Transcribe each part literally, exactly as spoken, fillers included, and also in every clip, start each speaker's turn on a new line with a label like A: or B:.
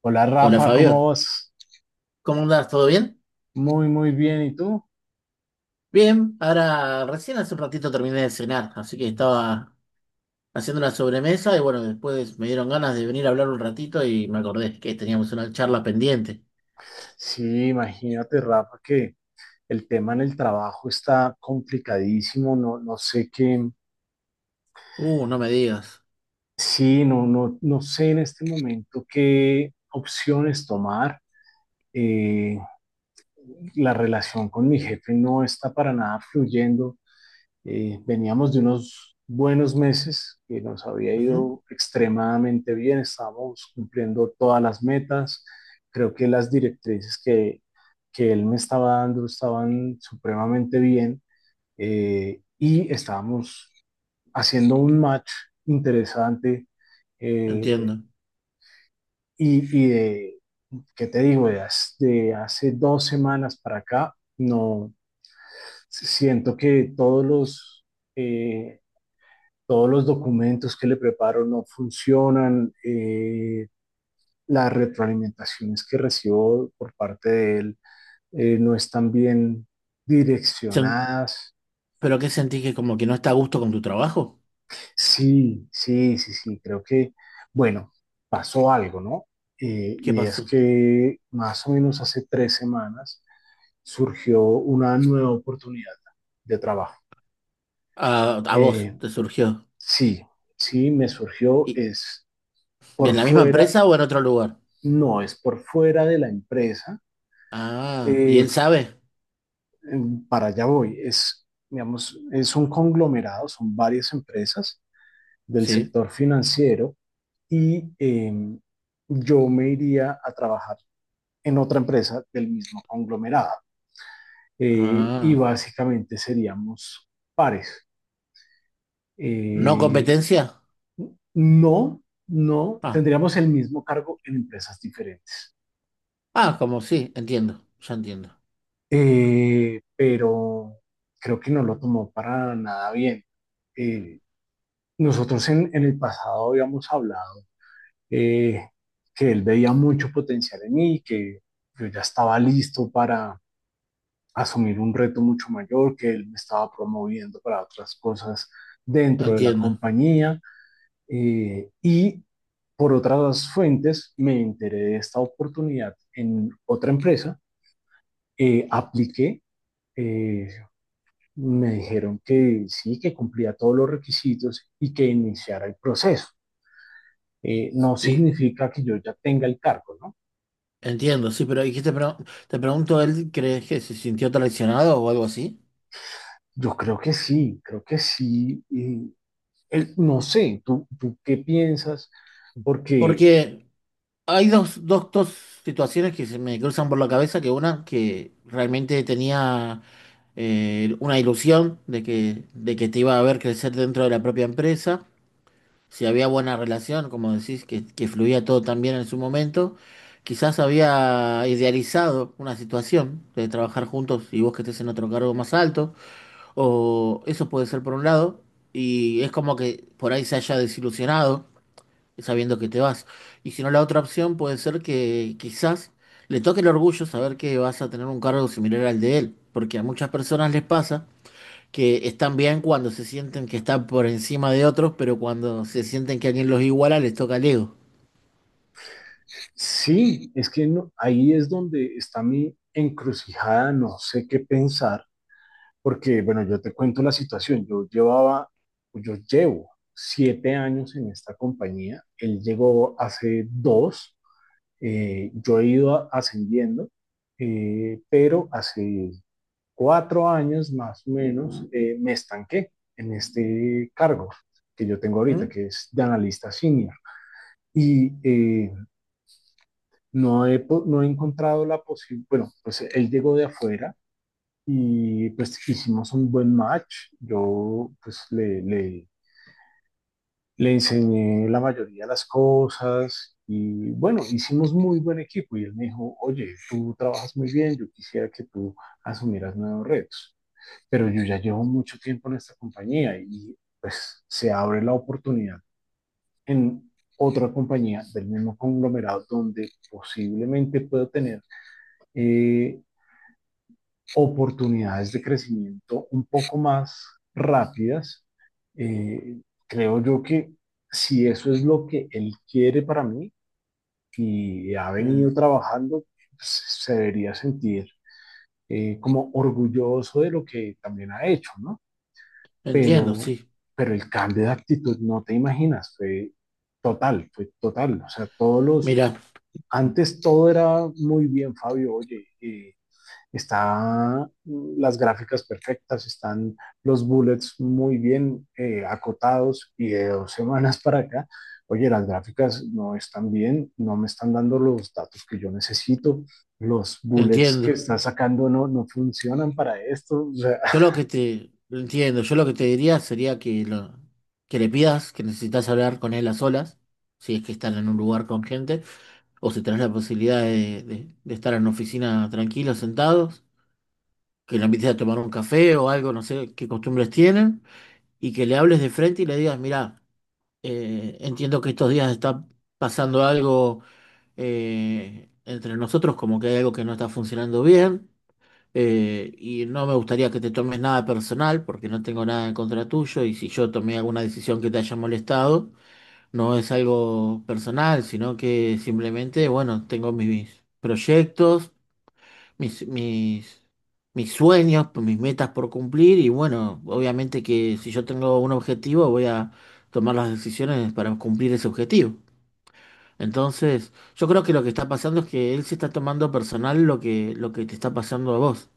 A: Hola
B: Hola
A: Rafa, ¿cómo
B: Fabio,
A: vas?
B: ¿cómo andás? ¿Todo bien?
A: Muy, muy bien. ¿Y tú?
B: Bien, ahora recién hace un ratito terminé de cenar, así que estaba haciendo una sobremesa y bueno, después me dieron ganas de venir a hablar un ratito y me acordé que teníamos una charla pendiente.
A: Sí, imagínate, Rafa, que el tema en el trabajo está complicadísimo. No, no sé qué.
B: Uh, no me digas.
A: Sí, no, no, no sé en este momento qué opciones tomar. Eh, la relación con mi jefe no está para nada fluyendo. Eh, veníamos de unos buenos meses que nos había
B: Ujú,
A: ido extremadamente bien, estábamos cumpliendo todas las metas, creo que las directrices que, que él me estaba dando estaban supremamente bien, eh, y estábamos haciendo un match interesante. eh,
B: entiendo.
A: y, y de, ¿Qué te digo? De, hace, de Hace dos semanas para acá, no siento que todos los eh, todos los documentos que le preparo no funcionan. Eh, las retroalimentaciones que recibo por parte de él, eh, no están bien
B: Sen-
A: direccionadas.
B: ¿Pero qué sentís que como que no está a gusto con tu trabajo?
A: Sí, sí, sí, sí, creo que, bueno, pasó algo, ¿no? Eh,
B: ¿Qué
A: y es
B: pasó?
A: que más o menos hace tres semanas surgió una nueva oportunidad de trabajo.
B: A, a vos
A: Eh,
B: te surgió.
A: sí, sí, me surgió,
B: ¿Y
A: es por
B: en la misma
A: fuera.
B: empresa o en otro lugar?
A: No, es por fuera de la empresa.
B: Ah, ¿y él
A: eh,
B: sabe?
A: em, para allá voy. Es, digamos, es un conglomerado, son varias empresas del
B: Sí.
A: sector financiero, y em, yo me iría a trabajar en otra empresa del mismo conglomerado. Eh, y
B: Ah,
A: básicamente seríamos pares.
B: ¿no
A: Eh,
B: competencia?
A: no, no,
B: Ah,
A: tendríamos el mismo cargo en empresas diferentes.
B: ah, como sí, entiendo, ya entiendo,
A: Eh, pero creo que no lo tomó para nada bien. Eh, Nosotros en, en el pasado habíamos hablado, eh, que él veía mucho potencial en mí, que yo ya estaba listo para asumir un reto mucho mayor, que él me estaba promoviendo para otras cosas dentro de la
B: entiendo.
A: compañía, eh, y por otras fuentes me enteré de esta oportunidad en otra empresa. Eh, apliqué, eh, me dijeron que sí, que cumplía todos los requisitos y que iniciara el proceso. Eh, no
B: Y
A: significa que yo ya tenga el cargo, ¿no?
B: entiendo, sí, pero ¿y qué te, pre- te pregunto, él crees que se sintió traicionado o algo así?
A: Yo creo que sí, creo que sí. y el- No sé, ¿tú, tú qué piensas? Porque
B: Porque hay dos, dos, dos situaciones que se me cruzan por la cabeza, que una que realmente tenía eh, una ilusión de que, de que te iba a ver crecer dentro de la propia empresa. Si había buena relación, como decís, que, que fluía todo tan bien en su momento, quizás había idealizado una situación de trabajar juntos y vos que estés en otro cargo más alto, o eso puede ser por un lado, y es como que por ahí se haya desilusionado sabiendo que te vas. Y si no, la otra opción puede ser que quizás le toque el orgullo saber que vas a tener un cargo similar al de él, porque a muchas personas les pasa que están bien cuando se sienten que están por encima de otros, pero cuando se sienten que alguien los iguala, les toca el ego.
A: sí, es que no- ahí es donde está mi encrucijada, no sé qué pensar, porque bueno, yo te cuento la situación, yo llevaba, yo llevo siete años en esta compañía, él llegó hace dos. Eh, yo he ido ascendiendo, eh, pero hace cuatro años más o menos, eh, me estanqué en este cargo que yo tengo ahorita,
B: ¿Mm?
A: que es de analista senior. Y eh, no, he, no he encontrado la posibilidad. Bueno, pues él llegó de afuera y pues hicimos un buen match, yo pues le, le Le enseñé la mayoría de las cosas y bueno, hicimos muy buen equipo y él me dijo: oye, tú trabajas muy bien, yo quisiera que tú asumieras nuevos retos, pero yo ya llevo mucho tiempo en esta compañía y pues se abre la oportunidad en otra compañía del mismo conglomerado donde posiblemente puedo tener eh, oportunidades de crecimiento un poco más rápidas. Eh, Creo yo que si eso es lo que él quiere para mí y ha
B: Eh,
A: venido trabajando, pues se debería sentir, eh, como orgulloso de lo que también ha hecho, ¿no?
B: Entiendo,
A: Pero,
B: sí.
A: pero el cambio de actitud, no te imaginas, fue total, fue total. O sea, todos los,
B: Mira,
A: antes todo era muy bien, Fabio. Oye, eh, están las gráficas perfectas, están los bullets muy bien, eh, acotados, y de dos semanas para acá, oye, las gráficas no están bien, no me están dando los datos que yo necesito, los bullets que
B: entiendo.
A: está sacando no, no funcionan para esto. O sea,
B: Yo lo que te entiendo, yo lo que te diría sería que lo, que le pidas que necesitas hablar con él a solas, si es que están en un lugar con gente, o si tenés la posibilidad de, de- de estar en una oficina tranquilos, sentados, que le invites a tomar un café o algo, no sé qué costumbres tienen, y que le hables de frente y le digas, mira, Eh, entiendo que estos días está pasando algo, eh, entre nosotros, como que hay algo que no está funcionando bien, eh, y no me gustaría que te tomes nada personal, porque no tengo nada en contra tuyo, y si yo tomé alguna decisión que te haya molestado, no es algo personal, sino que simplemente, bueno, tengo mis proyectos, mis, mis, mis sueños, pues, mis metas por cumplir y bueno, obviamente que si yo tengo un objetivo voy a tomar las decisiones para cumplir ese objetivo. Entonces, yo creo que lo que está pasando es que él se está tomando personal lo que, lo que te está pasando a vos.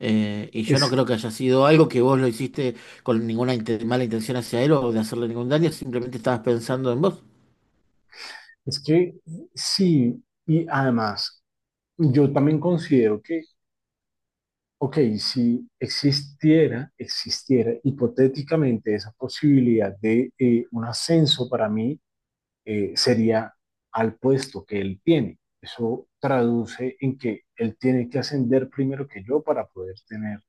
B: Eh, y yo no
A: es,
B: creo que haya sido algo que vos lo hiciste con ninguna inte- mala intención hacia él o de hacerle ningún daño, simplemente estabas pensando en vos,
A: es que sí, y además, yo también considero que, ok, si existiera, existiera hipotéticamente esa posibilidad de, eh, un ascenso para mí, eh, sería al puesto que él tiene. Eso traduce en que él tiene que ascender primero que yo para poder tener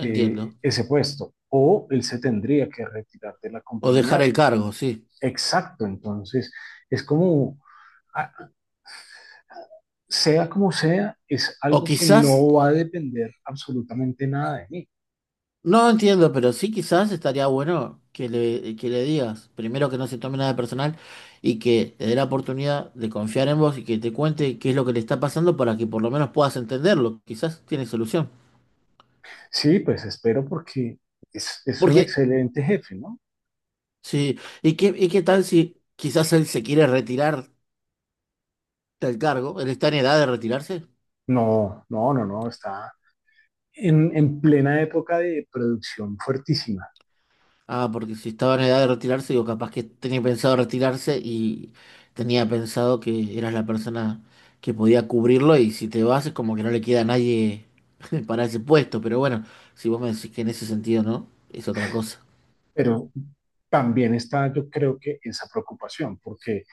A: eh, ese puesto. O él se tendría que retirar de la
B: O dejar
A: compañía.
B: el cargo, sí.
A: Exacto, entonces es como, ah, sea como sea, es
B: O
A: algo que
B: quizás...
A: no va a depender absolutamente nada de mí.
B: No entiendo, pero sí quizás estaría bueno que le, que le digas, primero que no se tome nada personal y que te dé la oportunidad de confiar en vos y que te cuente qué es lo que le está pasando para que por lo menos puedas entenderlo. Quizás tiene solución.
A: Sí, pues espero porque es, es, un
B: Porque,
A: excelente jefe, ¿no?
B: sí, ¿y qué, y qué tal si quizás él se quiere retirar del cargo? Él está en edad de retirarse.
A: No, no, no, no, está en, en plena época de producción fuertísima,
B: Ah, porque si estaba en edad de retirarse, digo, capaz que tenía pensado retirarse y tenía pensado que eras la persona que podía cubrirlo y si te vas es como que no le queda a nadie para ese puesto, pero bueno, si vos me decís que en ese sentido no, es otra cosa.
A: pero también está, yo creo, que esa preocupación, porque,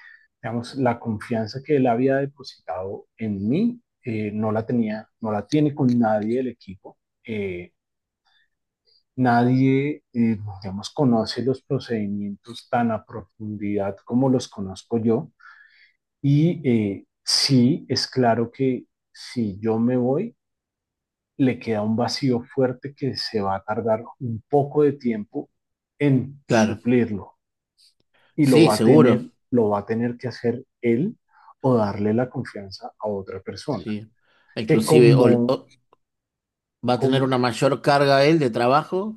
A: digamos, la confianza que él había depositado en mí, eh, no la tenía, no la tiene con nadie del equipo. Eh, Nadie, eh, digamos, conoce los procedimientos tan a profundidad como los conozco yo. Y eh, sí, es claro que si yo me voy, le queda un vacío fuerte que se va a tardar un poco de tiempo en
B: Claro,
A: suplirlo, y lo
B: sí,
A: va a
B: seguro,
A: tener, lo va a tener que hacer él, o darle la confianza a otra persona.
B: sí.
A: Que
B: Inclusive, o,
A: como,
B: o- va a tener
A: como,
B: una mayor carga él de trabajo,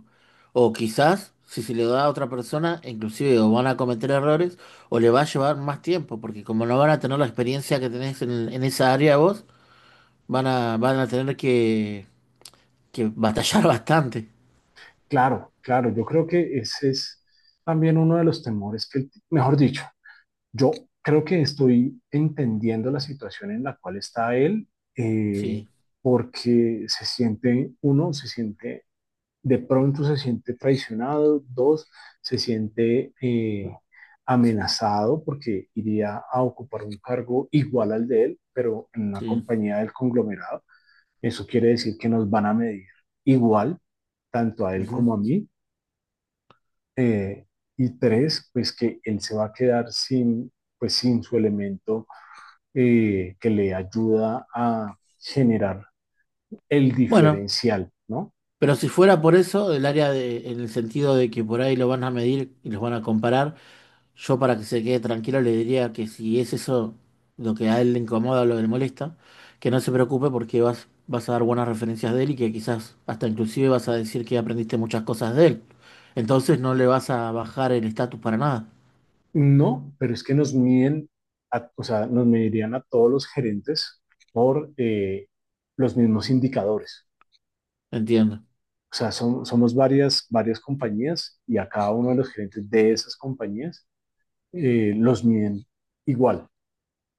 B: o quizás, si se le da a otra persona, inclusive o van a cometer errores, o le va a llevar más tiempo, porque como no van a tener la experiencia que tenés en, en esa área vos, van a, van a tener que, que batallar bastante.
A: claro, claro, yo creo que ese es también uno de los temores que... él- Mejor dicho, yo creo que estoy entendiendo la situación en la cual está él, eh,
B: Sí,
A: porque se siente, uno, se siente, de pronto se siente traicionado; dos, se siente eh, amenazado porque iría a ocupar un cargo igual al de él, pero en una
B: sí.
A: compañía del conglomerado. Eso quiere decir que nos van a medir igual, tanto a él
B: Ujú.
A: como a mí. eh, y tres, pues que él se va a quedar sin, pues sin su elemento eh, que le ayuda a generar el
B: Bueno,
A: diferencial, ¿no?
B: pero si fuera por eso, el área de, en el sentido de que por ahí lo van a medir y los van a comparar, yo para que se quede tranquilo le diría que si es eso lo que a él le incomoda o lo que le molesta, que no se preocupe porque vas, vas a dar buenas referencias de él y que quizás hasta inclusive vas a decir que aprendiste muchas cosas de él. Entonces no le vas a bajar el estatus para nada.
A: No, pero es que nos miden, a- o sea, nos medirían a todos los gerentes por eh, los mismos indicadores.
B: Entiendo,
A: O sea, son- somos varias, varias compañías, y a cada uno de los gerentes de esas compañías eh, los miden igual.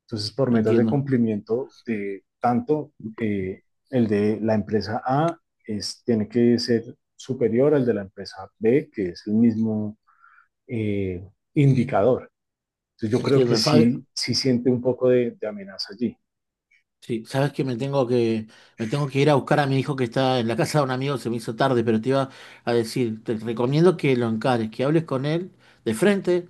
A: Entonces, por metas de
B: entiendo,
A: cumplimiento de tanto, eh, el de la empresa A es, tiene que ser superior al de la empresa B, que es el mismo eh, indicador. Entonces, yo creo que
B: entiendo. Fabio,
A: sí, sí siente un poco de, de amenaza allí.
B: sí, sabes que me tengo que, me tengo que ir a buscar a mi hijo que está en la casa de un amigo, se me hizo tarde, pero te iba a decir, te recomiendo que lo encares, que hables con él de frente,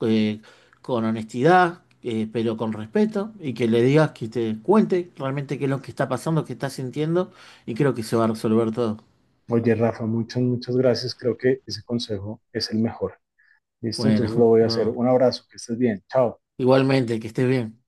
B: eh, con honestidad, eh, pero con respeto, y que le digas que te cuente realmente qué es lo que está pasando, qué está sintiendo, y creo que se va a resolver todo.
A: Oye, Rafa, muchas, muchas gracias. Creo que ese consejo es el mejor. Listo,
B: Bueno,
A: entonces lo voy a hacer.
B: no,
A: Un abrazo, que estés bien. Chao.
B: igualmente, que estés bien.